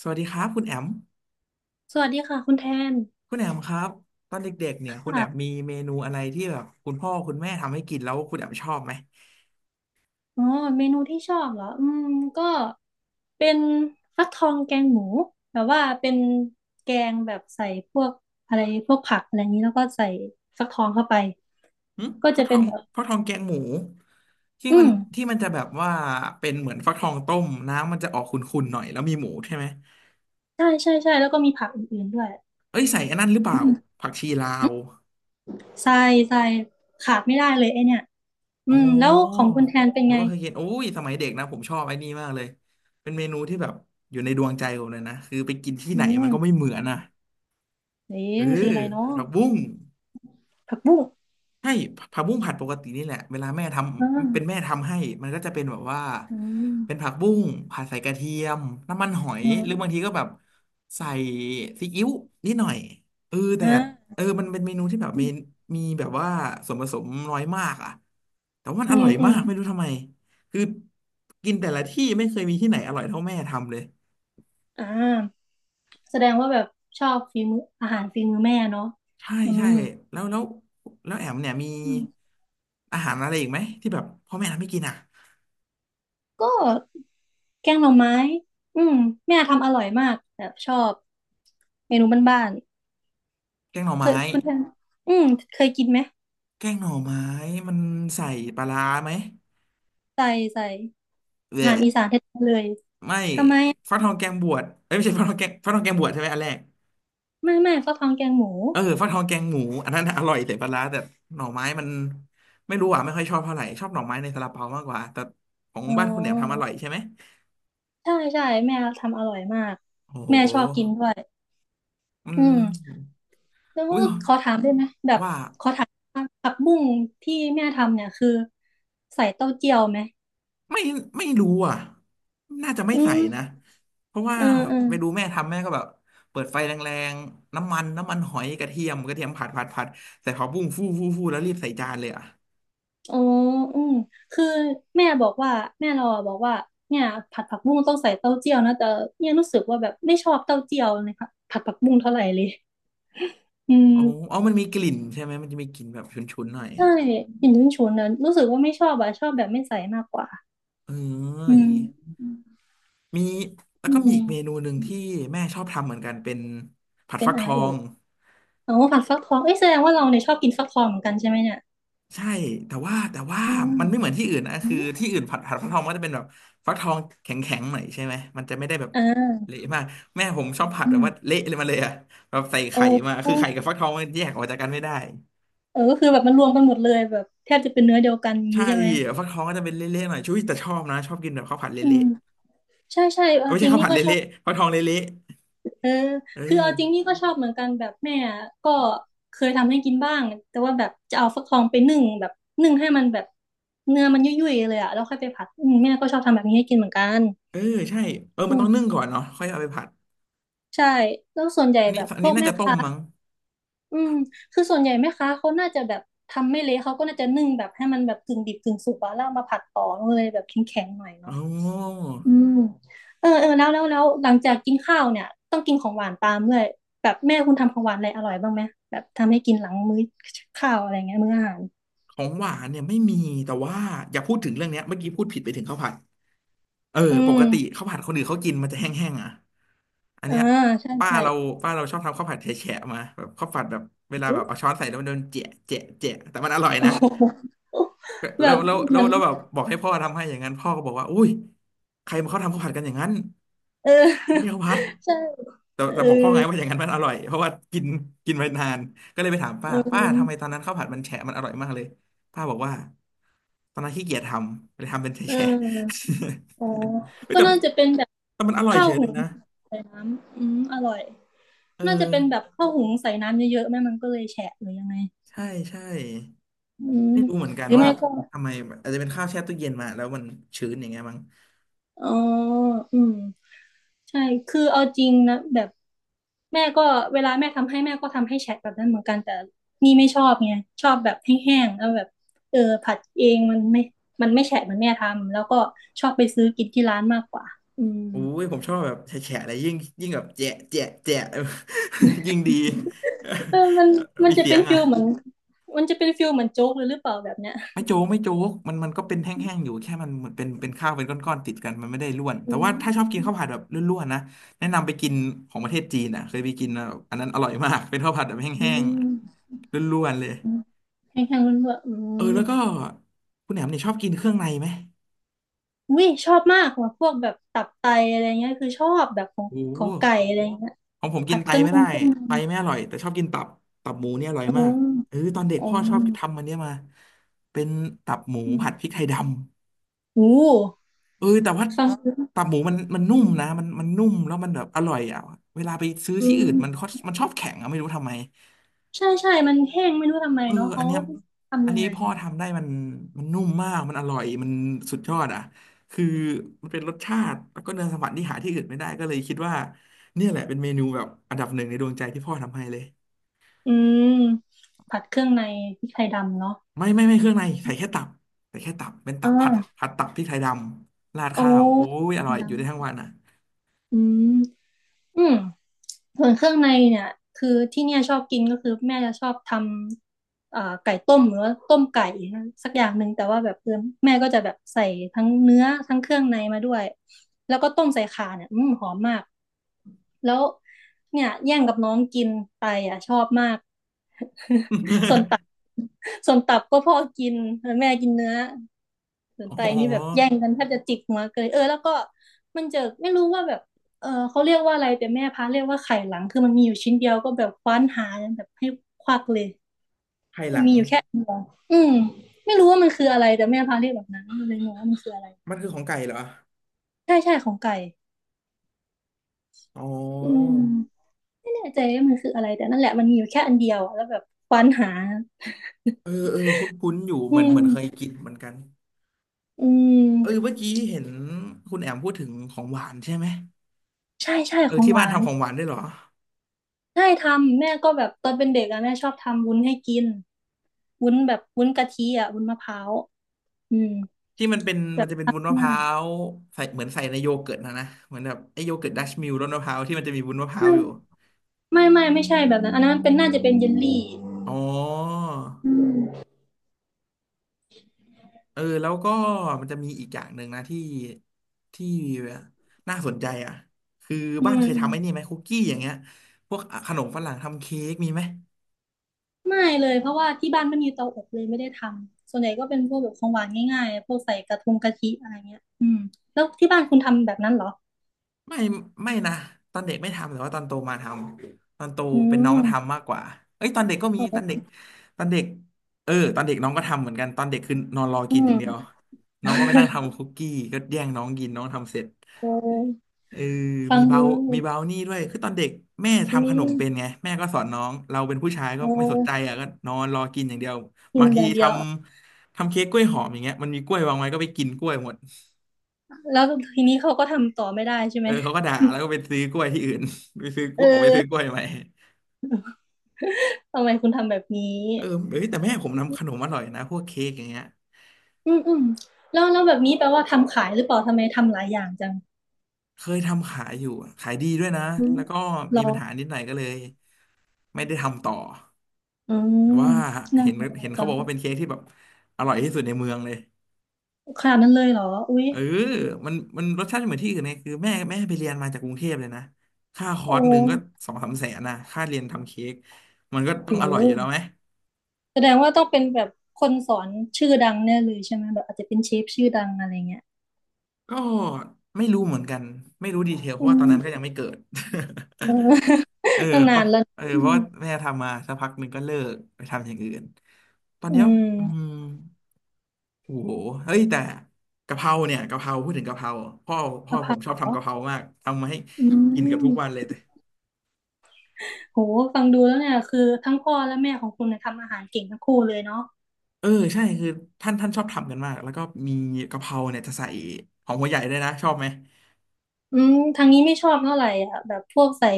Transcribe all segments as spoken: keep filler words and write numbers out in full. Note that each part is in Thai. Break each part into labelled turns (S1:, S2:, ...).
S1: สวัสดีครับคุณแอม
S2: สวัสดีค่ะคุณแทน
S1: คุณแอมครับตอนเด็กๆเนี่
S2: ค
S1: ยคุณแอม
S2: ่ะ
S1: มีเมนูอะไรที่แบบคุณพ่อคุณแม่ทำให้กินแล้วคุณแอมชอบไหม
S2: อ๋อเมนูที่ชอบเหรออืมก็เป็นฟักทองแกงหมูแบบว่าเป็นแกงแบบใส่พวกอะไรพวกผักอะไรอย่างนี้แล้วก็ใส่ฟักทองเข้าไป
S1: หึ
S2: ก็
S1: ฟั
S2: จะ
S1: กท
S2: เป็
S1: อ
S2: น
S1: ง
S2: แบบ
S1: ฟักทองแกงหมูที่
S2: อื
S1: มัน
S2: ม
S1: ที่มันจะแบบว่าเป็นเหมือนฟักทองต้มน้ำมันจะออกขุ่นๆหน่อยแล้วมีหมูใช่ไหม
S2: ใช่ใช่ใช่แล้วก็มีผักอื่นๆด้วย
S1: เอ้ยใส่อันนั้นหรือเป
S2: อื
S1: ล่า
S2: ม
S1: ผักชีลาว
S2: ใส่ใส่ขาดไม่ได้เลยไอเนี่ยอื
S1: อ๋อ
S2: มแล้วของคุณแทนเป็น
S1: หรือ
S2: ไง
S1: ว่าเคยกินโอ้ยสมัยเด็กนะผมชอบไอ้นี่มากเลยเป็นเมนูที่แบบอยู่ในดวงใจผมเลยนะคือไปกินที่
S2: อื
S1: ไหนมันก็ไม่
S2: ม
S1: เหมือนอ่ะ
S2: นี่
S1: เอ
S2: มันคือ
S1: อ
S2: อะไรเนาะ
S1: ผักบุ้ง
S2: ผักบุ้ง
S1: ใช่ผักบุ้งผัดปกตินี่แหละเวลาแม่ท
S2: อ่
S1: ำเป็นแม่
S2: า
S1: ทำให้มันก็จะเป็นแบบว่า
S2: อืม
S1: เป็นผักบุ้งผัดใส่กระเทียมน้ำมันหอย
S2: อื
S1: หรือบางทีก็
S2: ม
S1: แบบใส่ซีอิ๊วนิดหน่อยเออแต่
S2: อ่า
S1: เออมันเป็นเมนูที่แบบ
S2: อื
S1: มี
S2: ม
S1: มีแบบว่าส่วนผสมน้อยมากอ่ะแต่ว่ามัน
S2: อื
S1: อร่อยมา
S2: ม
S1: กไม่รู้ทำไมคือกินแต่ละที่ไม่เคยมีที่ไหนอร่อยเท่าแม่ทำเลย
S2: อ่าแสดงว่าแบบชอบฝีมืออาหารฝีมือแม่เนาะ
S1: ใช่
S2: อื
S1: ใช่
S2: ม
S1: แล้วแล้วแล้วแอมเนี่ยมี
S2: อืม
S1: อาหารอะไรอีกไหมที่แบบพ่อแม่ทำให้กินอ่ะ
S2: ก็แกงหน่อไม้อืมแม่ทำอร่อยมากแบบชอบเมนูบ้าน
S1: แกงหน่อ
S2: ๆเค
S1: ไม้
S2: ยคุณแทนอืมเคยกินไหม
S1: แกงหน่อไม้มันใส่ปลาร้าไหม
S2: ใส่ใส่
S1: แห
S2: อา
S1: วะ
S2: หารอีสานแท้ๆเลย
S1: ไม่
S2: ทำไม
S1: ฟัก
S2: อ่ะ
S1: ทองแกงบวชเอ้ยไม่ใช่ฟักทองแกงฟักทองแกงบวชใช่ไหมอันแรก
S2: ไม่ไม่ฟักทองแกงหมู
S1: เออฟักทองแกงหมูอันนั้นน่ะอร่อยใส่ปลาร้าแต่หน่อไม้มันไม่รู้อ่ะไม่ค่อยชอบเท่าไหร่ชอบหน่อไม้ในซาลาเปามากกว่าแต่ของ
S2: อ๋
S1: บ้านคุณแหนมทำอ
S2: อ
S1: ร่อยใช่ไหม
S2: ใช่ใช่แม่ทำอร่อยมาก
S1: โอ้โห
S2: แม่ชอบกินด้วย
S1: อื
S2: อืม
S1: ม
S2: แล้ว
S1: อุ้ย
S2: ขอถามได้ไหมแบบ
S1: ว่า
S2: ขอถามว่าผักบุ้งที่แม่ทำเนี่ยคือใส่เต้าเจี้ยวไหม
S1: ไม่ไม่รู้อ่ะน่าจะไม่
S2: อื
S1: ใส่
S2: ม
S1: นะ เพราะว่า
S2: เออเออ
S1: ไปดูแม่ทำแม่ก็แบบเปิดไฟแรงๆ น้ำมันน้ำมันหอยกระเทียมกระเทียมผัดผัดผัดใส่ผักบุ้งฟูฟูฟูแล้วรีบใส่จานเลยอ่ะ
S2: อ๋ออืมคือแม่บอกว่าแม่เราอะบอกว่าเนี่ยผัดผักบุ้งต้องใส่เต้าเจี้ยวนะแต่เนี่ยรู้สึกว่าแบบไม่ชอบเต้าเจี้ยวในผัดผัดผักบุ้งเท่าไหร่เลยอืม
S1: อ๋ออ๋อมันมีกลิ่นใช่ไหมมันจะมีกลิ่นแบบฉุนๆ หน่อย
S2: ใช่กลิ่นฉุนๆนั้นรู้สึกว่าไม่ชอบอะชอบแบบไม่ใส่มากกว่า
S1: เออ
S2: อื
S1: อย่าง
S2: ม
S1: งี้มี แล้ว
S2: อื
S1: ก็มีอีกเมนู
S2: ม
S1: หนึ่งที่แม่ชอบทำเหมือนกันเป็นผัด
S2: เป็
S1: ฟั
S2: น
S1: กท
S2: อะไร
S1: อ
S2: เอ่
S1: ง
S2: ยอ๋อผัดฟักทองเอ้ยแสดงว่าเราเนี่ยชอบกินฟักทองเหมือนกันใช่ไหมเนี่ย
S1: ใช่แต่ว่าแต่ว่า
S2: อืม
S1: มันไม่เหมือนที่อื่นนะ
S2: อ
S1: คือ
S2: ม
S1: ที่อื่นผัดผัดฟักทองมันก็จะเป็นแบบฟักทองแข็งแข็งหน่อยใช่ไหมมันจะไม่ได้แบบ
S2: อ่า
S1: เละมากแม่ผมชอบผัด
S2: อื
S1: แบบ
S2: ม
S1: ว่าเละเลยมาเลยอะแบบใส่
S2: โอ
S1: ไข่มา
S2: ้
S1: คือไข่กับฟักทองมันแยกออกจากกันไม่ได้
S2: เออก็คือแบบมันรวมกันหมดเลยแบบแทบจะเป็นเนื้อเดียวกันอย่างนี้
S1: ใช่
S2: ใช่ไหม
S1: ฟักทองก็จะเป็นเละๆหน่อยช่วยแต่ชอบนะชอบกินแบบข้าวผัด
S2: อื
S1: เละ
S2: มใช่ใช่
S1: ๆเอ้
S2: เอา
S1: ยไม่
S2: จ
S1: ใช่
S2: ริง
S1: ข้าว
S2: นี่
S1: ผัด
S2: ก็ชอบ
S1: เละๆฟักทองเละ
S2: เออ
S1: ๆเอ
S2: คือเอาจริง
S1: อ
S2: นี่ก็ชอบเหมือนกันแบบแม่อะก็เคยทำให้กินบ้าง แต่ว่าแบบจะเอาฟักทองไปนึ่งแบบนึ่งให้มันแบบเนื้อมันยุ่ยๆเลยอะแล้วค่อยไปผัดอืมแม่ก็ชอบทำแบบนี้ให้กินเหมือนกัน
S1: เออใช่เออ
S2: อื
S1: มันต้อ
S2: ม
S1: งนึ่งก่อนเนาะค่อยเอาไปผัด
S2: ใช่แล้วส่วนใหญ่
S1: อันนี้
S2: แบบ
S1: อัน
S2: พว
S1: นี้
S2: ก
S1: น่า
S2: แม่
S1: จะต้ม
S2: ค้า
S1: มั้ง
S2: อืมคือส่วนใหญ่แม่ค้าเขาน่าจะแบบทำไม่เละเขาก็น่าจะนึ่งแบบให้มันแบบกึ่งดิบกึ่งสุกอะแล้วเอามาผัดต่อมันเลยแบบแข็งๆหน่อยเนาะ
S1: โอ้
S2: อืมเออเออแล้วแล้วแล้วหลังจากกินข้าวเนี่ยต้องกินของหวานตามด้วยแบบแม่คุณทำของหวานอะไรอร่อยบ้างไหมแบบทำให้กินหลังมื้อข้าวอะไรเงี้ยมื้ออาหาร
S1: ของหวานเนี่ยไม่มีแต่ว่าอย่าพูดถึงเรื่องเนี้ยเมื่อกี้พูดผิดไปถึงข้าวผัด เออ
S2: อื
S1: ป
S2: ม
S1: กติข้าวผัดคนอื่นเขากินมันจะแห้งๆอ่ะ อัน
S2: อ่า
S1: เนี้ย
S2: ใช่
S1: ป้า
S2: ใช่
S1: เราป้าเราชอบทำข้าวผัดแฉะๆมาแบบข้าวผัดแบบเว ลา
S2: อื
S1: แบบเอา
S2: ม
S1: ช้อนใส่แล้วมันโดนเจะเจะเจะแต่มันอร่อย
S2: โอ้
S1: นะ
S2: โหแบ
S1: แล้ว
S2: บ
S1: แล้ว
S2: เห
S1: แล้
S2: มื
S1: ว
S2: อน
S1: แล้วแบบบอกให้พ่อทำให้อย่างนั้นพ่อก็บอกว่าอุ้ยใครมาเขาทำข้าวผัดกันอย่างนั้น
S2: เออ
S1: ไม่ใช่ข้าวผัด
S2: ใช่
S1: แต่แต่บอกพ่อไงว่าอย่างนั้นมันอร่อยเพราะว่ากินกินไปนานก็เลยไปถาม
S2: เอ
S1: ป้าป้าทำไม
S2: อ
S1: ตอนนั้นข้าวผัดมันแฉะมันอร่อยมากเลยป้าบอกว่าตอนนั้นขี้เกียจทำเลยทำเป็น
S2: เ
S1: แฉะ
S2: อออ๋
S1: ๆ
S2: อ
S1: เฮ้ย
S2: ก็
S1: แต่
S2: น่าจะเป็นแบบ
S1: แต่มันอร่อย
S2: ข้า
S1: เฉ
S2: ว
S1: ย
S2: หุ
S1: เลย
S2: ง
S1: นะ
S2: ใส่น้ำอืมอร่อย
S1: เออ
S2: น่าจะเป็นแบบข้าวหุงใส่น้ำเยอะๆแม่มันก็เลยแฉะหรือยังไง
S1: ใช่ใช่
S2: อืม
S1: ไม่รู้เหมือนกัน
S2: หรือ
S1: ว่า
S2: ไม่ก็
S1: ทำไมอาจจะเป็นข้าวแช่ตู้เย็นมาแล้วมันชื้นอย่างเงี้ยมั้ง
S2: อ๋ออืมใช่คือเอาจริงนะแบบแม่ก็เวลาแม่ทำให้แม่ก็ทำให้แฉะแบบนั้นเหมือนกันแต่นี่ไม่ชอบไงชอบแบบแห้งๆแล้วแบบเออผัดเองมันไม่มันไม่แฉะเหมือนแม่ทำแล้วก็ชอบไปซื้อกินที่ร้านมากกว่าอืม
S1: อุ้ยผมชอบแบบแฉะๆอะไรยิ่งยิ่งแบบแจะแจะแจะ ยิ่งดี
S2: เออมัน มัน
S1: มี
S2: จะ
S1: เสี
S2: เป็
S1: ย
S2: น
S1: ง
S2: ฟิ
S1: อ่ะ
S2: ลเหมือนมันจะเป็นฟิลเหมือนโจ๊กเลยหรือเปล่าแบบเนี้ย
S1: ไม่โจ๊กไม่โจ๊กมันมันก็เป็นแห้งๆอยู่แค่มันเหมือนเป็นเป็นข้าวเป็นก้อนๆติดกันมันไม่ได้ร่วน
S2: อื
S1: แต่ว่าถ้าชอบ
S2: ม
S1: กินข้าวผัดแบบร่วนๆนะแนะนำไปกินของประเทศจีนอ่ะเคยไปกินแล้วอันนั้นอร่อยมากเป็นข้าวผัดแบบ
S2: อื
S1: แห้ง
S2: ม
S1: ๆร่วนๆเลย
S2: แข็งๆมันแบบอื
S1: เออ
S2: ม
S1: แล้วก็คุณแหนมเนี่ยชอบกินเครื่องในไหม
S2: วิชอบมากว่ะพวกแบบตับไตอะไรเงี้ยคือชอบแบบของ
S1: โอ้
S2: ของไก่อะไรเงี้ย
S1: ของผมกินไต
S2: พุ่
S1: ไม่ได้
S2: งขึ้นมา
S1: ไตไม่อร่อยแต่ชอบกินตับตับหมูเนี่ยอร่อย
S2: อ๋อ
S1: มากเออตอนเด็ก
S2: อ๋อ
S1: พ่อชอบทำมันเนี้ยมาเป็นตับหมู
S2: อื
S1: ผั
S2: ม
S1: ดพริกไทยดำ
S2: โอ้
S1: เออแต่ว่า
S2: ฟัง
S1: ตั
S2: ดู
S1: บหมูมันมันนุ่มนะมันมันนุ่มแล้วมันแบบอร่อยอ่ะเวลาไปซื้อ
S2: อื
S1: ที่อื่นมันเขา
S2: ม
S1: มันชอบแข็งอะไม่รู้ทำไม
S2: ใช่ใช่มันแห้งไม่รู้ทำไม
S1: เออ
S2: เนาะ
S1: อั
S2: เขา
S1: นเนี้ยอั
S2: ทำ
S1: น
S2: ยัง
S1: นี้
S2: ไง
S1: พ่อทำได้มันมันนุ่มมากมันอร่อยมันสุดยอดอ่ะคือมันเป็นรสชาติแล้วก็เนื้อสัมผัสที่หาที่อื่นไม่ได้ก็เลยคิดว่าเนี่ยแหละเป็นเมนูแบบอันดับหนึ่งในดวงใจที่พ่อทำให้เลย
S2: อืมผัดเครื่องในพริกไทยดำเนาะ
S1: ไม่ไม่ไม่เครื่องในใส่แค่ตับใส่แค่ตับเป็น
S2: อ
S1: ตับผัด
S2: ่า
S1: ผัดตับที่ไทยดำราด
S2: โอ้
S1: ข้าวโอ้ย
S2: พ
S1: อ
S2: ริกไท
S1: ร่อ
S2: ย
S1: ยอยู่
S2: ดำ
S1: ได้ทั้ง
S2: นะ
S1: วันอ่ะ
S2: อืมอืมส่วนเครื่องในเนี่ยคือที่เนี่ยชอบกินก็คือแม่จะชอบทำเอ่อไก่ต้มหรือว่าต้มไก่นะสักอย่างหนึ่งแต่ว่าแบบเออแม่ก็จะแบบใส่ทั้งเนื้อทั้งเครื่องในมาด้วยแล้วก็ต้มใส่ข่าเนี่ยอืมหอมมาก แล้วเนี่ยแย่งกับน้องกินไปอ่ะชอบมาก ส่วนตับ ส่วนตับก็พ่อกินแล้วแม่กินเนื้อส่วน
S1: อ๋
S2: ไตนี่แบบ
S1: อ
S2: แย่งกันแทบจะจิกหัวเกยเออแล้วก็มันเจอไม่รู้ว่าแบบเออเขาเรียกว่าอะไรแต่แม่พาเรียกว่าไข่หลังคือมันมีอยู่ชิ้นเดียวก็แบบคว้านหากัแบบให้ควักเลย
S1: ไข่หลัง
S2: อืมไม่รู้ว่ามันคืออะไรแต่แม่พาเรียกแบบนั้นเลยงงว่ามันคืออะไร
S1: มันคือของไก่เหรอ
S2: ใช่ใช่ของไก่
S1: อ๋อ
S2: อืม ไม่แน่ใจว่ามันคืออะไรแต่นั่นแหละมันมีอยู่แค่อันเดียวอะแล้วแบบควานหา
S1: เออเออคุ้นๆอยู่
S2: อื
S1: เหมือนเหมื
S2: ม
S1: อนเคยกินเหมือนกัน
S2: อื
S1: เออ
S2: ม
S1: เมื่อกี้เห็นคุณแอมพูดถึงของหวานใช่ไหม
S2: ใช่ใช่
S1: เออ
S2: ของ
S1: ที่
S2: ห
S1: บ้าน
S2: วาน
S1: ทำของหวานด้วยเหรอ
S2: ใช่ทำแม่ก็แบบตอนเป็นเด็กอะแม่ชอบทำวุ้นให้กินวุ้นแบบวุ้นกะทิอะวุ้นมะพร้าวอืม
S1: ที่มันเป็น
S2: แบ
S1: มั
S2: บ
S1: นจะเป็นวุ้น
S2: ทำ
S1: มะพ
S2: ง่า
S1: ร้า
S2: ย
S1: วใส่เหมือนใส่ในโยเกิร์ตนะนะเหมือนแบบไอ้โยเกิร์ตดัชมิลรสมะพร้าวที่มันจะมีวุ้นมะพร้าว
S2: ไม่
S1: อยู่
S2: ไม่ไม่ไม่ใช่แบบนั้นอันนั้นเป็นน่าจะเป็นเยลลี่
S1: อ๋อ
S2: อืม
S1: เออแล้วก็มันจะมีอีกอย่างหนึ่งนะที่ที่น่าสนใจอ่ะคือ
S2: อื
S1: บ้าน
S2: ม
S1: เคย
S2: อื
S1: ทำไอ้นี่
S2: ม
S1: ไหมคุกกี้อย่างเงี้ยพวกขนมฝรั่งทำเค้กมีไหม
S2: ไม่เลยเพราะว่าที่บ้านไม่มีเตาอบเลยไม่ได้ทำส่วนใหญ่ก็เป็นพวกแบบของหวานง่ายๆพวกใส่กระทงกะทิอะไรเงี้ยอืมแล้วที่บ้านคุณทำแบบนั้นเหรอ
S1: ไม่ไม่นะตอนเด็กไม่ทำแต่ว่าตอนโตมาทำตอนโต
S2: อื
S1: เป็นน้อง
S2: ม
S1: ทำมากกว่าเอ้ยตอนเด็กก็มีตอนเด็กตอนเด็กเออตอนเด็กน้องก็ทำเหมือนกันตอนเด็กคือนอนรอ
S2: อื
S1: กินอย่าง
S2: ม
S1: เดียวน้องก็ไปนั่งทำคุกกี้ก็แย่งน้องกินน้องทำเสร็จ
S2: โอ้
S1: เออ
S2: ฟั
S1: มี
S2: งดู
S1: เบา
S2: แล้ว
S1: มีเบานี่ด้วยคือตอนเด็กแม่
S2: อื
S1: ทำขน
S2: ม
S1: มเป็นไงแม่ก็สอนน้อง เราเป็นผู้ชาย
S2: โอ
S1: ก็ไม่สนใจ
S2: ้
S1: อ่ะก็นอนรอกินอย่างเดียว
S2: กิน
S1: บาง
S2: อ
S1: ที
S2: ย่าง
S1: ท
S2: เดียว
S1: ำทำเค้กกล้วยหอมอย่างเงี้ยมันมีกล้วยวางไว้ก็ไปกินกล้วยหมด
S2: แล้วทีนี้เขาก็ทำต่อไม่ได้ใช่ไห
S1: เอ
S2: ม
S1: อเขาก็ด่าแล้วก็ไปซื้อกล้วยที่อื่น ไปซื้อกล้
S2: เอ
S1: วยออกไปซื้อกล้
S2: อ
S1: วยใหม่
S2: ทำไมคุณทำแบบนี้
S1: เออเอ้ยแต่แม่ผมทำขนมอร่อยนะพวกเค้กอย่างเงี้ย
S2: อืมอืมแล้วแล้วแบบนี้แปลว่าทำขายหรือเปล่าทำไมทำหลายอย่างจัง
S1: เคยทำขายอยู่ขายดีด้วยนะ
S2: อืม
S1: แล้วก็มี
S2: เรา
S1: ปัญหานิดหน่อยก็เลยไม่ได้ทำต่อ
S2: อื
S1: แต่
S2: ม
S1: ว่า
S2: น่า
S1: เห็น
S2: เสียดาย
S1: เห็น
S2: จั
S1: เขาบ
S2: ง
S1: อกว่าเป็นเค้กที่แบบอร่อยที่สุดในเมืองเลย
S2: ขนาดนั้นเลยเหรออุ๊ย
S1: เออมันมันรสชาติไม่เหมือนที่อื่นไงคือแม่แม่ไปเรียนมาจากกรุงเทพเลยนะ ค่าคอ
S2: โอ้
S1: ร์สหนึ่งก็สองสามแสนนะค่าเรียนทำเค้กมันก็
S2: โ
S1: ต้องอร่อยอยู่แล้วไหม
S2: หแสดงว่าต้องเป็นแบบคนสอนชื่อดังแน่เลยใช่ไหมแบบอาจจะเป็นเชฟชื่อดังอะไรเงี้ย
S1: ก็ไม่รู้เหมือนกัน ไม่รู้ดีเทลเพ
S2: อื
S1: ราะว่าตอนนั้นก็ยัง
S2: ม
S1: ไม่เกิด
S2: เออ
S1: เออ
S2: ตั้ง
S1: เพ
S2: นา
S1: ราะ
S2: นแล้ว
S1: เออเพราะว่าแม่ทำมาสักพักหนึ่งก็เลิกไปทำอย่างอื่น ตอนเนี้
S2: อื
S1: ย
S2: ม
S1: อืมโอ้โหเฮ้ยแต่กะเพราเนี่ยกะเพราพูดถึงกะเพราพ่อพ่อ
S2: สะ
S1: ผ
S2: พา
S1: ม
S2: น
S1: ชอบ
S2: เหร
S1: ทำ
S2: อ
S1: กะเพรามากทำมาให้
S2: อื
S1: กินกับทุกวัน
S2: ม
S1: เลย
S2: โหฟังดูแล้วเนี่ยคือทั้งพ่อและแม่ของคุณเนี่ยทำอาหารเก่งทั้งคู่เลยเนาะ
S1: เออใช่คือท่านท่านชอบทำกันมากแล้วก็มีกะเพราเนี่ยจะใส่หอมหัวใหญ่ด้วยนะชอบไหม
S2: อืมทางนี้ไม่ชอบเท่าไหร่อ่ะแบบพวกใส่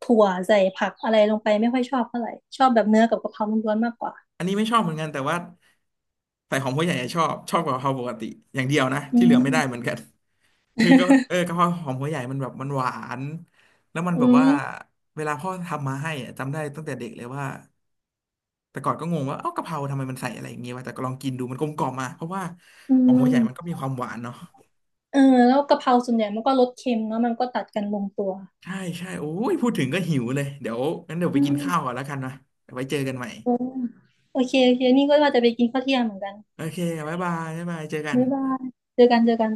S2: ถั่วใส่ผักอะไรลงไปไม่ค่อยชอบเท่าไหร่ชอบแบบเนื้อกับกะเพราล้วนๆมากกว่า
S1: อันนี้ไม่ชอบเหมือนกันแต่ว่าใส่หอมหัวใหญ่อะชอบชอบกว่ากะเพราปกติอย่างเดียวนะ
S2: อื
S1: ที่เหลื
S2: ม
S1: อไม่ได้เหมือนกัน คือก็เออกะเพราหอมหัวใหญ่มันแบบมันหวานแล้วมันแบ
S2: อื
S1: บว่า
S2: ม
S1: เวลาพ่อทำมาให้อะจำได้ตั้งแต่เด็กเลยว่าแต่ก่อนก็งงว่าเอ้ากะเพราทำไมมันใส่อะไรอย่างเงี้ยวะแต่ก็ลองกินดูมันกลมกล่อมมาเพราะว่า
S2: อื
S1: หอมหัวใหญ่มันก็
S2: ม
S1: มีความหวานเนาะ
S2: เออแล้วกะเพราส่วนใหญ่มันก็รสเค็มเนาะมันก็ตัดกันลงตัว
S1: ใช่ใช่โอ้ยพูดถึงก็หิวเลยเดี๋ยวงั้นเดี๋ยวไป
S2: อื
S1: กิน
S2: ม
S1: ข้าวก่อนแล้วกันนะเดี๋ยวไว้เจอกันใหม่
S2: โอโอเคโอเคนี่ก็ว่าจะไปกินข้าวเที่ยงเหมือนกัน
S1: โอเคบ๊ายบายบ๊ายบายเจอกัน
S2: บ๊ายบายเจอกันเจอกัน